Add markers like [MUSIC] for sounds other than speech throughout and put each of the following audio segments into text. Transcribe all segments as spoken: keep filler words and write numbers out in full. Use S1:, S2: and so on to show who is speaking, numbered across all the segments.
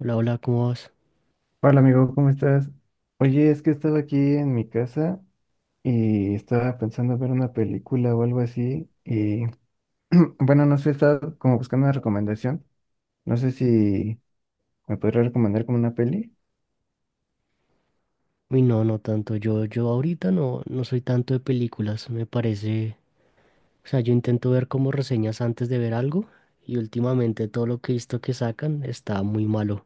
S1: Hola, hola, ¿cómo vas?
S2: Hola amigo, ¿cómo estás? Oye, es que estaba aquí en mi casa y estaba pensando ver una película o algo así y [CLEARS THROAT] bueno, no sé, estaba como buscando una recomendación. No sé si me podrías recomendar como una peli.
S1: Uy, no, no tanto. Yo, yo ahorita no, no soy tanto de películas, me parece. O sea, yo intento ver como reseñas antes de ver algo y últimamente todo lo que he visto que sacan está muy malo.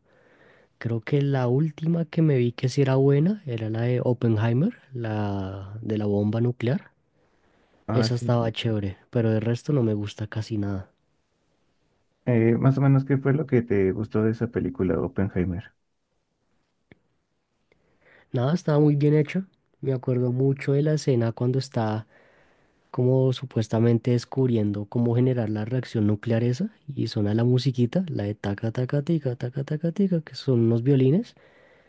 S1: Creo que la última que me vi que sí era buena era la de Oppenheimer, la de la bomba nuclear.
S2: Ah,
S1: Esa
S2: sí.
S1: estaba chévere, pero el resto no me gusta casi nada.
S2: Eh, más o menos, ¿qué fue lo que te gustó de esa película, Oppenheimer?
S1: Nada, estaba muy bien hecho. Me acuerdo mucho de la escena cuando está como supuestamente descubriendo cómo generar la reacción nuclear esa y suena la musiquita, la de taca taca tica, taca taca tica, que son unos violines.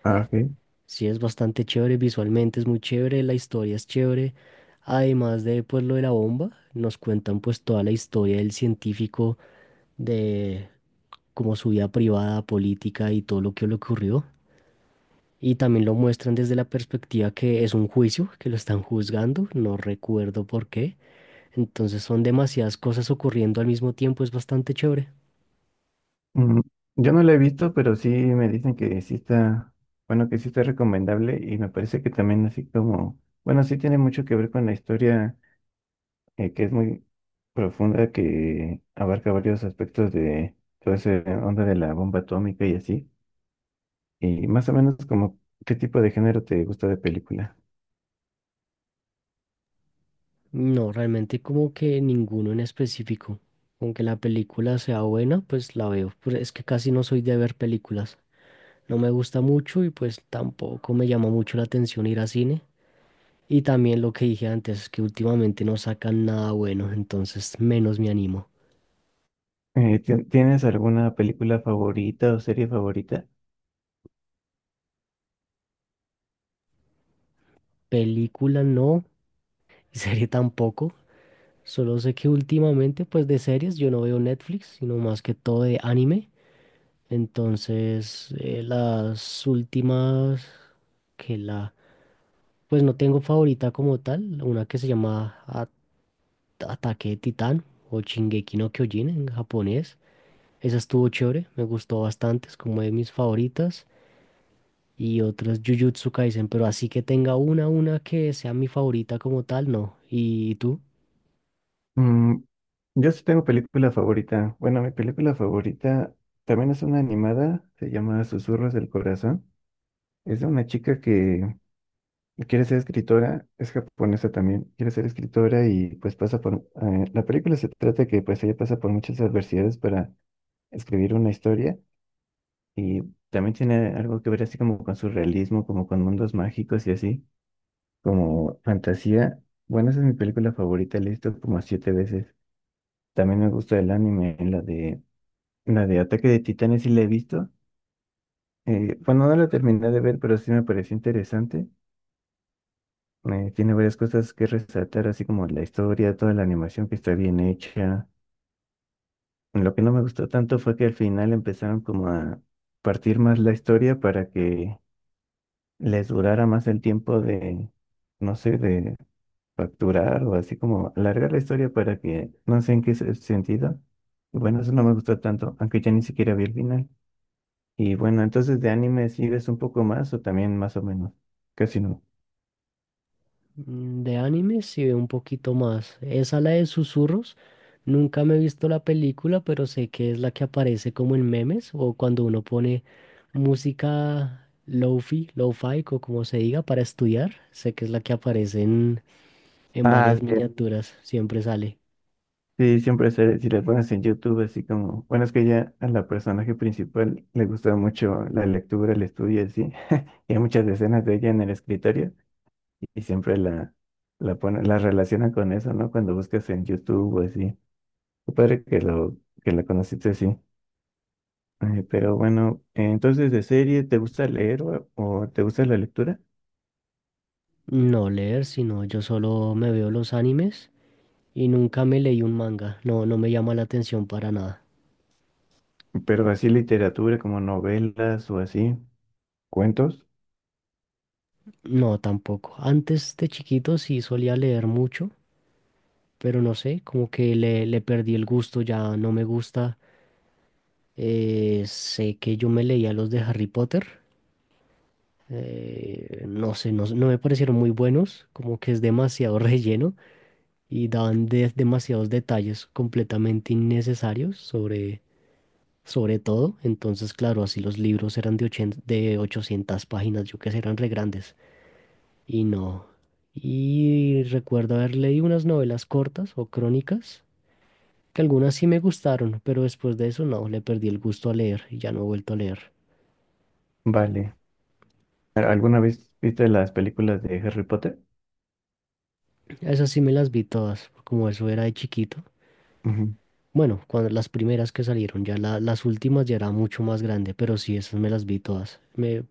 S2: Ah, ok.
S1: Sí, es bastante chévere, visualmente es muy chévere, la historia es chévere. Además de pues lo de la bomba, nos cuentan pues toda la historia del científico, de como su vida privada, política y todo lo que le ocurrió. Y también lo muestran desde la perspectiva que es un juicio, que lo están juzgando, no recuerdo por qué. Entonces son demasiadas cosas ocurriendo al mismo tiempo, es bastante chévere.
S2: Mm, yo no la he visto, pero sí me dicen que sí está, bueno, que sí está recomendable y me parece que también así como, bueno, sí tiene mucho que ver con la historia eh, que es muy profunda, que abarca varios aspectos de toda esa onda de la bomba atómica y así. Y más o menos como, ¿qué tipo de género te gusta de película?
S1: No, realmente como que ninguno en específico. Aunque la película sea buena, pues la veo. Pero es que casi no soy de ver películas. No me gusta mucho y pues tampoco me llama mucho la atención ir a cine. Y también lo que dije antes, que últimamente no sacan nada bueno, entonces menos me animo.
S2: Eh, ¿tien- tienes alguna película favorita o serie favorita?
S1: Película no, [LAUGHS] serie tampoco. Solo sé que últimamente, pues de series, yo no veo Netflix, sino más que todo de anime. Entonces, eh, las últimas que la... Pues no tengo favorita como tal, una que se llama A- Ataque de Titán o Shingeki no Kyojin en japonés. Esa estuvo chévere, me gustó bastante, es como de mis favoritas. Y otras Jujutsu Kaisen, pero así que tenga una, una que sea mi favorita como tal, no. ¿Y tú?
S2: Mm, yo sí tengo película favorita. Bueno, mi película favorita también es una animada, se llama Susurros del Corazón. Es de una chica que quiere ser escritora, es japonesa también, quiere ser escritora y pues pasa por... eh, la película se trata que pues ella pasa por muchas adversidades para escribir una historia y también tiene algo que ver así como con su realismo, como con mundos mágicos y así, como fantasía. Bueno, esa es mi película favorita, la he visto como siete veces. También me gusta el anime, la de, la de Ataque de Titanes sí la he visto. Eh, bueno, no la terminé de ver, pero sí me pareció interesante. Eh, tiene varias cosas que resaltar, así como la historia, toda la animación que está bien hecha. Lo que no me gustó tanto fue que al final empezaron como a partir más la historia para que les durara más el tiempo de, no sé, de facturar o así como alargar la historia para que, no sé en qué se- sentido. Y bueno, eso no me gustó tanto, aunque ya ni siquiera vi el final. Y bueno, entonces de anime sí ves un poco más o también más o menos, casi no.
S1: Mm, de anime sí veo un poquito más. Esa la de Susurros. Nunca me he visto la película, pero sé que es la que aparece como en memes o cuando uno pone música lofi, lo-fi o como se diga para estudiar. Sé que es la que aparece en, en
S2: Ah,
S1: varias
S2: sí,
S1: miniaturas. Siempre sale.
S2: sí, siempre se, si le pones en YouTube, así como, bueno, es que ya a la personaje principal le gusta mucho la lectura, el estudio, y así, y hay muchas escenas de ella en el escritorio y y siempre la, la ponen, la relacionan con eso, ¿no? Cuando buscas en YouTube o así. Qué padre que lo, que la conociste así. Eh, pero bueno, eh, entonces de serie, ¿te gusta leer o, o te gusta la lectura?
S1: No leer, sino yo solo me veo los animes y nunca me leí un manga. No, no me llama la atención para nada.
S2: Pero así literatura, como novelas o así, cuentos.
S1: No, tampoco. Antes de chiquito sí solía leer mucho, pero no sé, como que le, le perdí el gusto, ya no me gusta. Eh, sé que yo me leía los de Harry Potter, eh, no sé, no, no me parecieron muy buenos, como que es demasiado [LAUGHS] relleno y daban de- demasiados detalles completamente innecesarios sobre, sobre todo. Entonces, claro, así los libros eran de, ochenta de ochocientas páginas, yo que sé, eran re grandes y no. Y recuerdo haber leído unas novelas cortas o crónicas que algunas sí me gustaron, pero después de eso no, le perdí el gusto a leer y ya no he vuelto a leer.
S2: Vale. ¿Alguna vez viste las películas de Harry Potter?
S1: Esas sí me las vi todas, como eso era de chiquito.
S2: Ujú.
S1: Bueno, cuando las primeras que salieron, ya la- las últimas ya era mucho más grande, pero sí, esas me las vi todas. Me,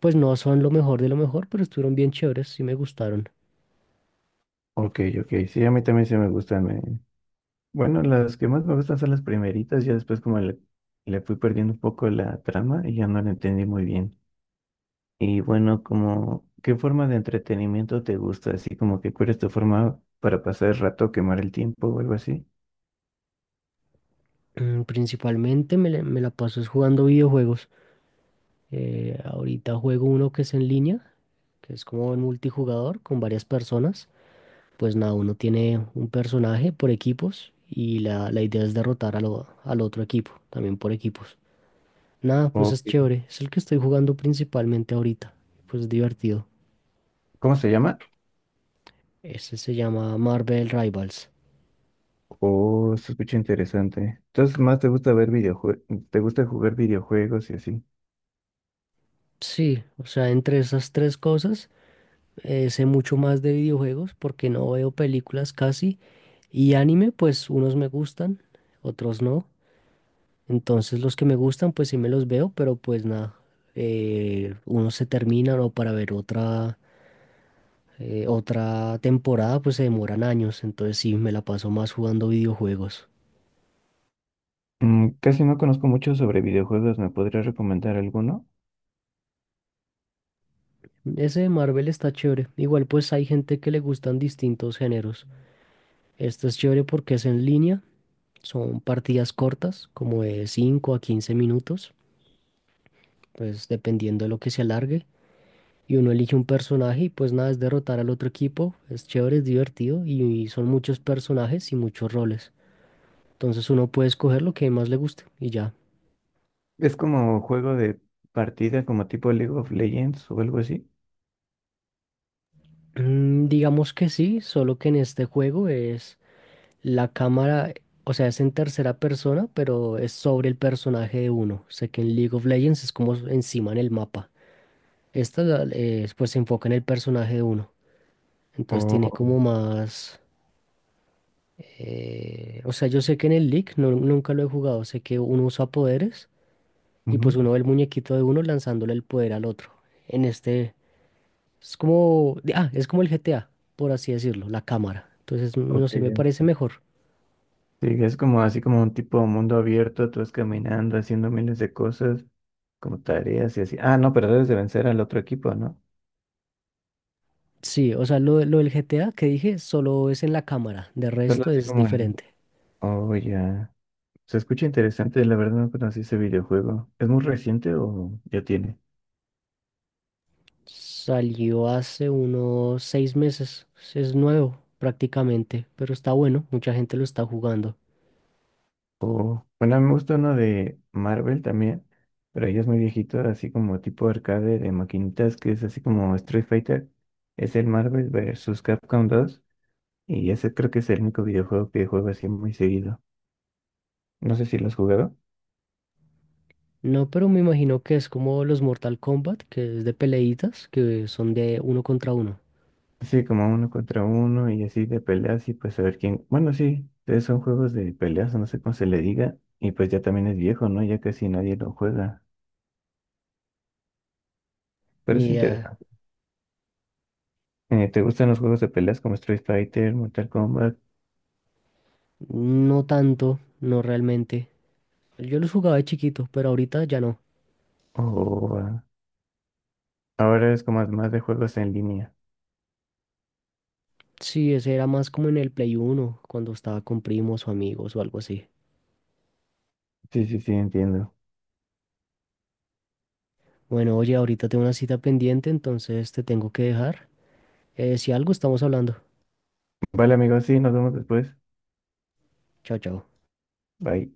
S1: Pues no son lo mejor de lo mejor, pero estuvieron bien chéveres, sí me gustaron.
S2: Ok, ok, sí, a mí también sí me gustan. eh. Bueno, las que más me gustan son las primeritas, ya después como le, le fui perdiendo un poco la trama y ya no la entendí muy bien. Y bueno, como, ¿qué forma de entretenimiento te gusta? Así como que cuál es tu forma para pasar el rato, quemar el tiempo o algo así.
S1: Mm, principalmente me, la- me la paso es jugando videojuegos. Eh, ahorita juego uno que es en línea, que es como en multijugador con varias personas. Pues nada, uno tiene un personaje por equipos y la, la idea es derrotar a lo- al otro equipo, también por equipos. Nada, pues
S2: ¿O
S1: es chévere, es el que estoy jugando principalmente ahorita, pues es divertido.
S2: ¿Cómo se llama?
S1: Ese se llama Marvel Rivals.
S2: Oh, se escucha interesante. Entonces, más te gusta ver videojuegos, te gusta jugar videojuegos y así.
S1: Sí, o sea, entre esas tres cosas, eh, sé mucho más de videojuegos porque no veo películas casi y anime, pues unos me gustan, otros no. Entonces los que me gustan, pues sí me los veo, pero pues nada, eh, unos se terminan o para ver otra eh, otra temporada pues se demoran años, entonces sí, me la paso más jugando videojuegos.
S2: Mm, casi no conozco mucho sobre videojuegos, ¿me podrías recomendar alguno?
S1: Ese de Marvel está chévere. Igual pues hay gente que le gustan distintos géneros. Este es chévere porque es en línea, son partidas cortas, como de cinco a quince minutos, pues dependiendo de lo que se alargue. Y uno elige un personaje y pues nada, es derrotar al otro equipo. Es chévere, es divertido y, y son muchos personajes y muchos roles. Entonces uno puede escoger lo que más le guste y ya.
S2: Es como juego de partida, como tipo League of Legends o algo así.
S1: Mm, digamos que sí, solo que en este juego es la cámara, o sea, es en tercera persona, pero es sobre el personaje de uno. Sé que en League of Legends es como encima en el mapa. Esta la- eh, pues se enfoca en el personaje de uno. Entonces tiene
S2: O,
S1: como más... eh, o sea, yo sé que en el League no- nunca lo he jugado. Sé que uno usa poderes y pues
S2: ujú,
S1: uno ve el muñequito de uno lanzándole el poder al otro. En este es como, ah, es como el G T A, por así decirlo, la cámara. Entonces, no
S2: ok,
S1: sé, me
S2: ya.
S1: parece mejor.
S2: Sí, es como así como un tipo mundo abierto, tú vas caminando, haciendo miles de cosas, como tareas y así. Ah, no, pero debes de vencer al otro equipo, ¿no?
S1: Sí, o sea, lo, lo del G T A que dije solo es en la cámara, de
S2: Solo
S1: resto
S2: así
S1: es
S2: como el...
S1: diferente.
S2: Oh, ya. Se escucha interesante, la verdad no conocí ese videojuego. ¿Es muy reciente o ya tiene?
S1: Salió hace unos seis meses, es nuevo prácticamente, pero está bueno, mucha gente lo está jugando.
S2: Bueno, a mí me gusta uno de Marvel también, pero ya es muy viejito, así como tipo arcade de maquinitas, que es así como Street Fighter. Es el Marvel versus. Capcom dos y ese creo que es el único videojuego que juego así muy seguido. No sé si lo has jugado.
S1: No, pero me imagino que es como los Mortal Kombat, que es de peleitas, que son de uno contra uno.
S2: Sí, como uno contra uno y así de peleas y pues a ver quién. Bueno, sí, entonces son juegos de peleas, no sé cómo se le diga, y pues ya también es viejo, ¿no? Ya casi nadie lo juega. Pero
S1: Ni
S2: es
S1: idea,
S2: interesante. Eh, ¿te gustan los juegos de peleas como Street Fighter, Mortal Kombat
S1: no tanto, no realmente. Yo los jugaba de chiquito, pero ahorita ya no.
S2: o... ah, ahora es como más de juegos en línea.
S1: Sí, ese era más como en el Play uno, cuando estaba con primos o amigos o algo así.
S2: Sí, sí, sí, entiendo.
S1: Bueno, oye, ahorita tengo una cita pendiente, entonces te tengo que dejar. Eh, si algo, estamos hablando.
S2: Vale, amigos, sí, nos vemos después.
S1: Chao, chao.
S2: Bye.